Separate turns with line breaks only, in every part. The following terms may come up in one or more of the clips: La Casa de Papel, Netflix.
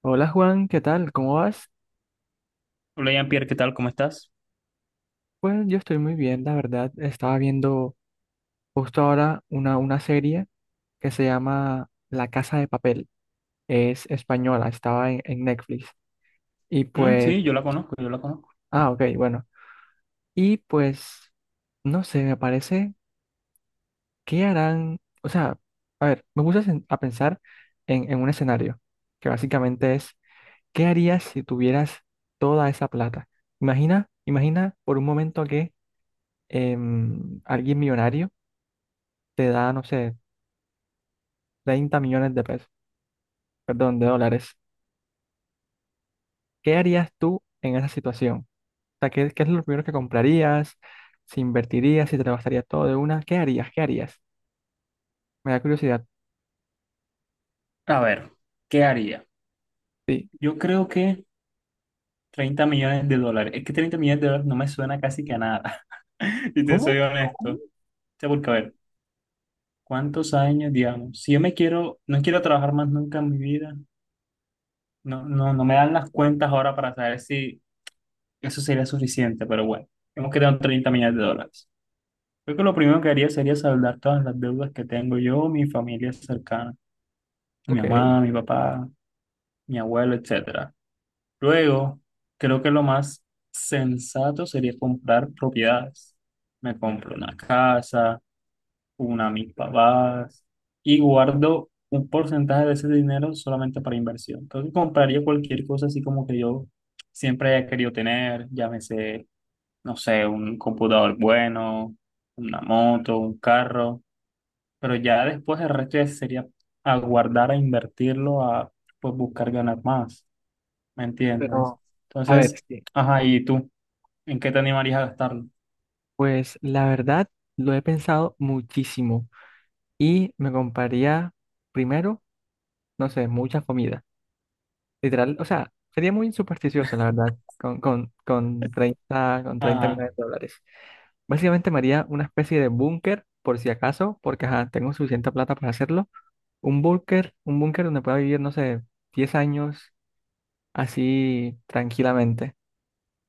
Hola Juan, ¿qué tal? ¿Cómo vas?
Hola Jean-Pierre, ¿qué tal? ¿Cómo estás?
Pues yo estoy muy bien, la verdad. Estaba viendo justo ahora una serie que se llama La Casa de Papel. Es española, estaba en Netflix. Y
Mm,
pues,
sí, yo la conozco, yo la conozco.
ah, ok, bueno. Y pues, no sé, me parece, ¿qué harán? O sea, a ver, me puse a a pensar en un escenario que básicamente es, ¿qué harías si tuvieras toda esa plata? Imagina, imagina por un momento que alguien millonario te da, no sé, 30 millones de pesos, perdón, de dólares. ¿Qué harías tú en esa situación? O sea, ¿qué es lo primero que comprarías? ¿Si invertirías? ¿Si te lo gastarías todo de una? ¿Qué harías? ¿Qué harías? Me da curiosidad.
A ver, ¿qué haría?
Sí.
Yo creo que 30 millones de dólares. Es que 30 millones de dólares no me suena casi que a nada, si te soy
¿Cómo?
honesto.
¿Cómo?
O sea, porque a ver, ¿cuántos años, digamos? Si yo me quiero, no quiero trabajar más nunca en mi vida, no, no, no me dan las cuentas ahora para saber si eso sería suficiente, pero bueno, hemos quedado en 30 millones de dólares. Creo que lo primero que haría sería saldar todas las deudas que tengo yo, mi familia cercana, mi
Ok,
mamá, mi papá, mi abuelo, etcétera. Luego, creo que lo más sensato sería comprar propiedades. Me compro una casa, una a mis papás y guardo un porcentaje de ese dinero solamente para inversión. Creo que compraría cualquier cosa así como que yo siempre haya querido tener, llámese, no sé, un computador bueno, una moto, un carro, pero ya después el resto ya sería a guardar, a invertirlo, a pues buscar ganar más. ¿Me entiendes?
pero a ver,
Entonces,
sí.
ajá, ¿y tú? ¿En qué te animarías a gastarlo?
Pues la verdad lo he pensado muchísimo y me compraría primero, no sé, mucha comida. Literal, o sea, sería muy supersticioso, la verdad, con treinta
Ajá.
millones de dólares. Básicamente me haría una especie de búnker, por si acaso, porque ajá, tengo suficiente plata para hacerlo. Un búnker donde pueda vivir, no sé, 10 años así tranquilamente.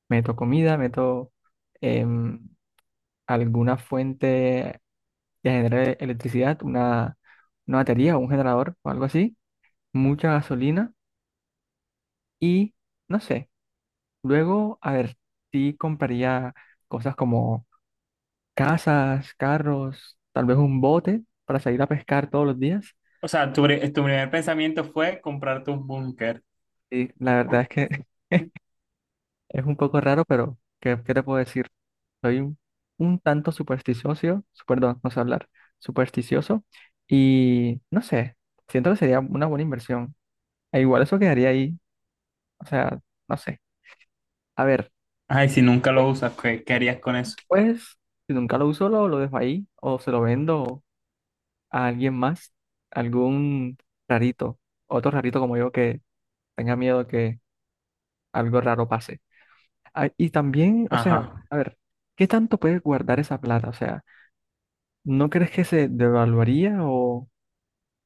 Meto comida, meto em, alguna fuente que genere electricidad, una batería o un generador o algo así, mucha gasolina y, no sé, luego, a ver, sí compraría cosas como casas, carros, tal vez un bote para salir a pescar todos los días.
O sea, tu primer pensamiento fue comprarte un búnker.
Y la verdad es que es un poco raro, pero ¿qué te puedo decir? Soy un tanto supersticioso, perdón, no sé hablar, supersticioso y no sé, siento que sería una buena inversión. E igual eso quedaría ahí, o sea, no sé. A ver,
Ay, si nunca lo usas, ¿qué harías con eso?
pues si nunca lo uso, lo dejo ahí o se lo vendo a alguien más, algún rarito, otro rarito como yo que tenga miedo que algo raro pase. Ah, y también, o sea,
Ajá.
a ver, ¿qué tanto puedes guardar esa plata? O sea, ¿no crees que se devaluaría o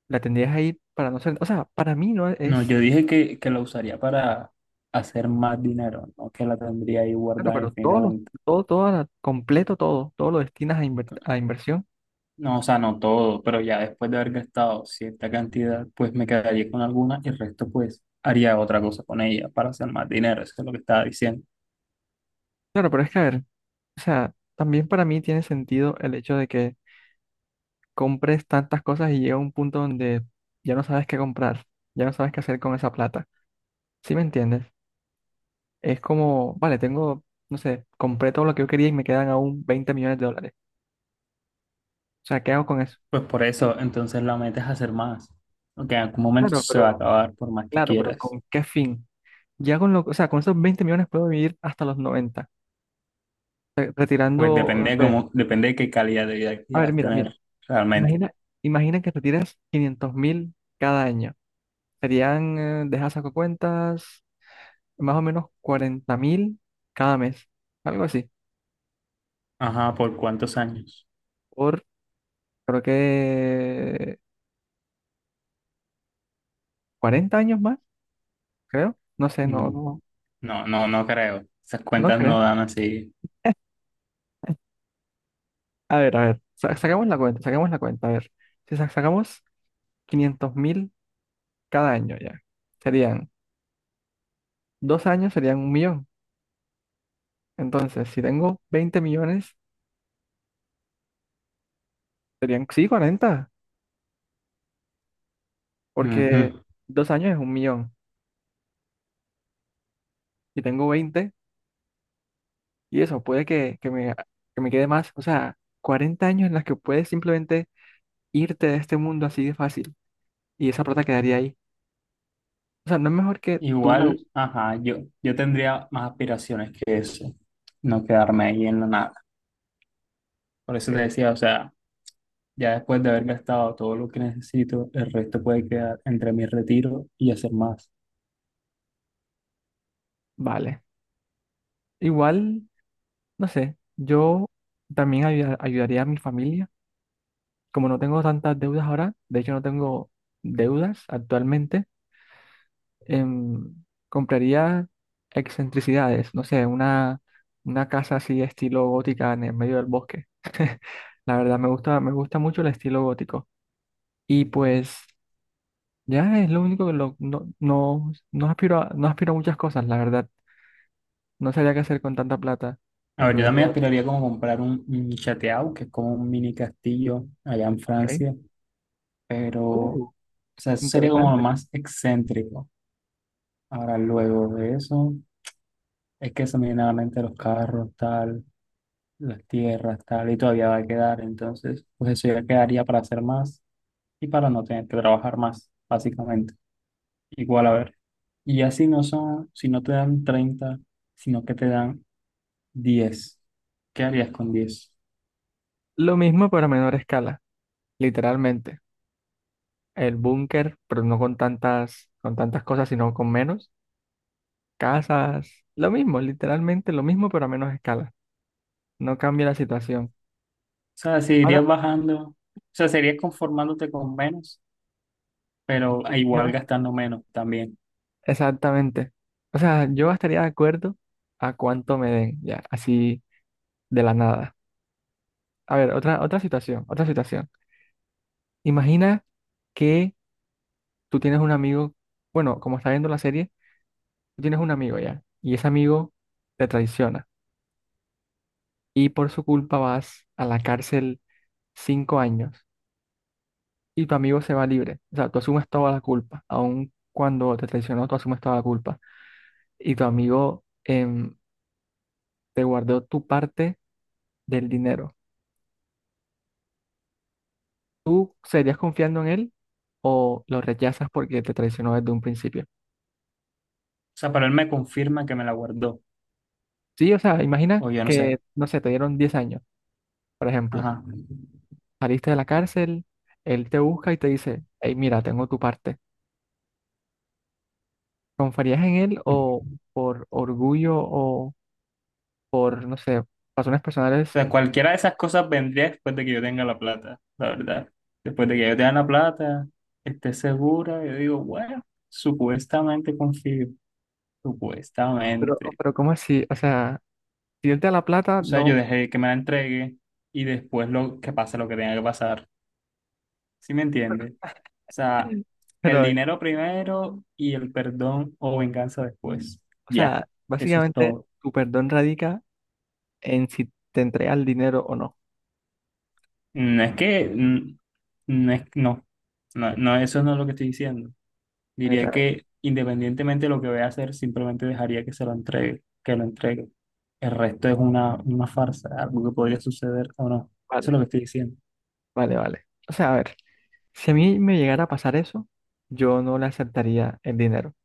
la tendrías ahí para no ser? O sea, para mí no es,
No, yo dije que, lo usaría para hacer más dinero, no que la tendría ahí
claro,
guardada
pero todo lo,
infinitamente.
todo, todo, la- completo todo lo destinas a inversión.
No, o sea, no todo, pero ya después de haber gastado cierta cantidad, pues me quedaría con alguna y el resto, pues, haría otra cosa con ella para hacer más dinero. Eso es lo que estaba diciendo.
Claro, pero es que, a ver, o sea, también para mí tiene sentido el hecho de que compres tantas cosas y llega un punto donde ya no sabes qué comprar, ya no sabes qué hacer con esa plata. ¿Sí me entiendes? Es como, vale, tengo, no sé, compré todo lo que yo quería y me quedan aún 20 millones de dólares. O sea, ¿qué hago con eso?
Pues por eso, entonces la meta es hacer más. Porque en algún momento
Claro,
se va a
pero,
acabar por más que
claro, pero
quieras.
¿con qué fin? Ya con lo, o sea, con esos 20 millones puedo vivir hasta los noventa
Pues
retirando,
depende
no
de
sé,
cómo, depende de qué calidad de vida
a ver,
quieras
mira, mira,
tener realmente.
imagina, imagina que retiras 500 mil cada año. Serían, deja saco cuentas, más o menos 40 mil cada mes, algo así,
Ajá, ¿por cuántos años?
por, creo que 40 años más, creo, no sé,
Mm, no, no, no creo. Esas
no
cuentas
crees.
no dan así.
A ver, sacamos la cuenta, sacamos la cuenta. A ver, si sacamos 500 mil cada año ya, serían 2 años, serían un millón. Entonces, si tengo 20 millones, serían, sí, 40, porque
Ujú.
2 años es un millón. Y tengo 20, y eso puede que me quede más. O sea, 40 años en las que puedes simplemente irte de este mundo así de fácil, y esa plata quedaría ahí. O sea, no es mejor que tú la
Igual,
uses.
ajá, yo tendría más aspiraciones que eso. No quedarme ahí en la nada. Por eso te decía, o sea, ya después de haber gastado todo lo que necesito, el resto puede quedar entre mi retiro y hacer más.
Vale. Igual, no sé, yo también ayudaría a mi familia como no tengo tantas deudas ahora, de hecho no tengo deudas actualmente, em, compraría excentricidades, no sé, una casa así estilo gótica en el medio del bosque. La verdad me gusta mucho el estilo gótico. Y pues ya es lo único que no aspiro a muchas cosas, la verdad. No sabría qué hacer con tanta plata
A
en
ver, yo
primer
también
lugar.
aspiraría como comprar un chateau, que es como un mini castillo allá en
Ok.
Francia, pero, o
Uh,
sea, eso sería como lo
interesante.
más excéntrico. Ahora, luego de eso, es que se me viene a la mente los carros, tal, las tierras, tal, y todavía va a quedar, entonces, pues eso ya quedaría para hacer más y para no tener que trabajar más, básicamente. Igual, a ver, y así no son, si no te dan 30, sino que te dan 10, ¿qué harías con 10?
Lo mismo pero a menor escala, literalmente. El búnker, pero no con tantas, cosas, sino con menos. Casas, lo mismo, literalmente lo mismo, pero a menos escala. No cambia la situación.
O sea, si
Ahora,
irías bajando, o sea, serías conformándote con menos,
diez
pero igual
millones.
gastando menos también.
Exactamente. O sea, yo estaría de acuerdo a cuánto me den, ya, así de la nada. A ver, otra situación, otra situación. Imagina que tú tienes un amigo, bueno, como está viendo la serie, tú tienes un amigo ya, y ese amigo te traiciona, y por su culpa vas a la cárcel 5 años. Y tu amigo se va libre. O sea, tú asumes toda la culpa, aun cuando te traicionó, tú asumes toda la culpa. Y tu amigo te guardó tu parte del dinero. ¿Tú seguirías confiando en él o lo rechazas porque te traicionó desde un principio?
O sea, pero él me confirma que me la guardó,
Sí, o sea, imagina
o yo no
que,
sé.
no sé, te dieron 10 años, por ejemplo.
Ajá.
Saliste de la cárcel, él te busca y te dice, hey, mira, tengo tu parte. ¿Confiarías en él o por orgullo o por, no sé, razones personales?
O sea, cualquiera de esas cosas vendría después de que yo tenga la plata, la verdad. Después de que yo tenga la plata, esté segura, yo digo, bueno, supuestamente confío,
Pero,
supuestamente.
pero ¿cómo así? O sea... Si es de la plata,
O sea, yo
no.
dejé que me la entregue y después lo que pase lo que tenga que pasar. ¿Sí me entiendes? O sea, el
Pero,
dinero primero y el perdón o venganza después.
o
Ya,
sea,
eso es
básicamente
todo.
tu perdón radica en si te entregas el dinero o no.
No es que, no es, no, no, no, eso no es lo que estoy diciendo. Diría
A ver,
que independientemente de lo que voy a hacer, simplemente dejaría que se lo entregue, que lo entregue. El resto es una farsa, algo que podría suceder o no. Eso es
vale,
lo que estoy diciendo.
vale, vale. O sea, a ver, si a mí me llegara a pasar eso, yo no le aceptaría el dinero.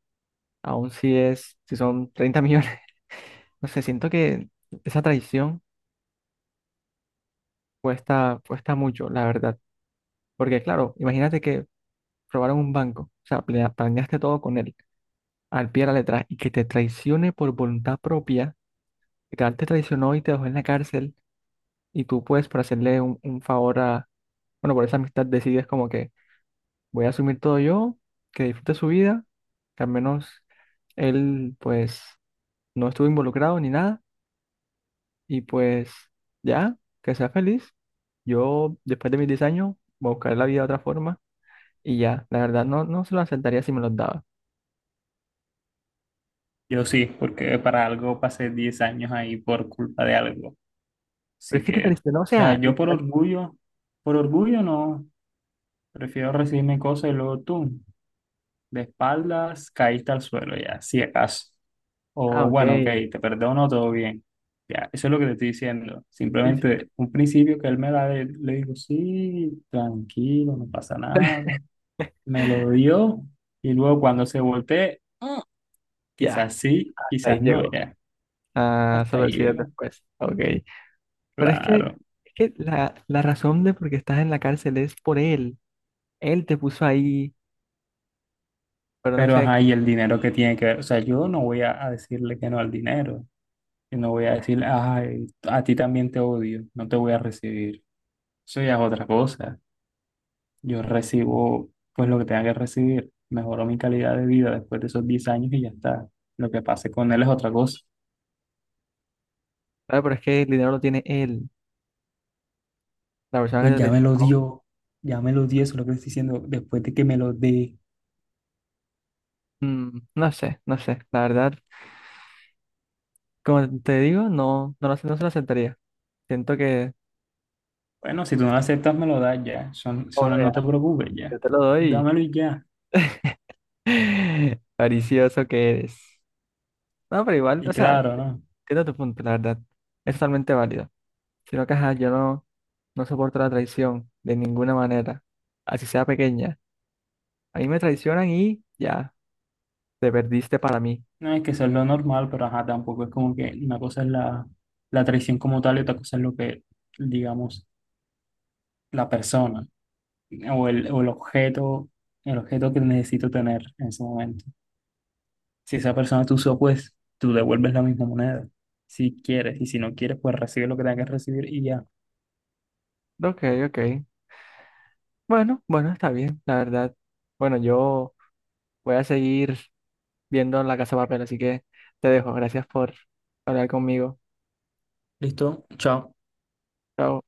Aun si son 30 millones. No sé, siento que esa traición cuesta, cuesta mucho, la verdad. Porque, claro, imagínate que robaron un banco. O sea, planeaste todo con él, al pie de la letra, y que te traicione por voluntad propia. Literal te traicionó y te dejó en la cárcel y tú pues por hacerle un favor a, bueno, por esa amistad decides como que voy a asumir todo yo, que disfrute su vida, que al menos él pues no estuvo involucrado ni nada y pues ya, que sea feliz. Yo después de mis 10 años voy a buscar la vida de otra forma y ya, la verdad no se lo aceptaría si me los daba.
Yo sí, porque para algo pasé 10 años ahí por culpa de algo.
Pero
Así
es que te
que,
traicionó, o
o sea,
sea,
yo por orgullo no, prefiero recibirme cosas y luego tú, de espaldas, caíste al suelo ya, si acaso.
ah,
O
ok,
bueno, ok, te perdono, todo bien. Ya, eso es lo que te estoy diciendo.
sí, sí,
Simplemente un principio que él me da, le digo, sí, tranquilo, no pasa nada. Me lo dio y luego cuando se voltee, quizás
ya,
sí,
hasta ahí
quizás no,
llegó.
ya.
Ah,
Hasta
solo
ahí
decides
llego.
después, ok. Pero es que,
Claro.
es que la razón de por qué estás en la cárcel es por él. Él te puso ahí, pero no
Pero,
sé,
ajá, y el dinero que tiene que ver, o sea, yo no voy a decirle que no al dinero, yo no voy a decirle, ay, a ti también te odio, no te voy a recibir. Eso ya es otra cosa. Yo recibo, pues, lo que tenga que recibir. Mejoró mi calidad de vida después de esos 10 años y ya está. Lo que pase con él es otra cosa.
claro, pero es que el dinero lo tiene él, la persona
Pues
que te
ya me lo
traicionó.
dio, ya me lo dio, eso es lo que estoy diciendo, después de que me lo dé.
No sé, no sé, la verdad, como te digo, lo sé, no se lo aceptaría. Siento que,
Bueno, si tú no lo aceptas, me lo das ya, son,
ah, bueno,
no
ya,
no te preocupes ya,
yo te lo doy.
dámelo y ya.
Paricioso que eres. No, pero igual,
Y
o sea,
claro, ¿no?
entiendo tu punto, la verdad. Es totalmente válido. Sino que, ajá, yo no soporto la traición de ninguna manera, así sea pequeña. Ahí me traicionan y ya, te perdiste para mí.
No es que eso es lo normal, pero ajá, tampoco es como que una cosa es la, traición como tal y otra cosa es lo que, digamos, la persona o el objeto que necesito tener en ese momento. Si esa persona te usó, pues tú devuelves la misma moneda, si quieres, y si no quieres, pues recibe lo que tengas que recibir y ya.
Ok, ok. Bueno, bueno, está bien, la verdad. Bueno, yo voy a seguir viendo La Casa de Papel, así que te dejo. Gracias por hablar conmigo.
Listo, chao.
Chao.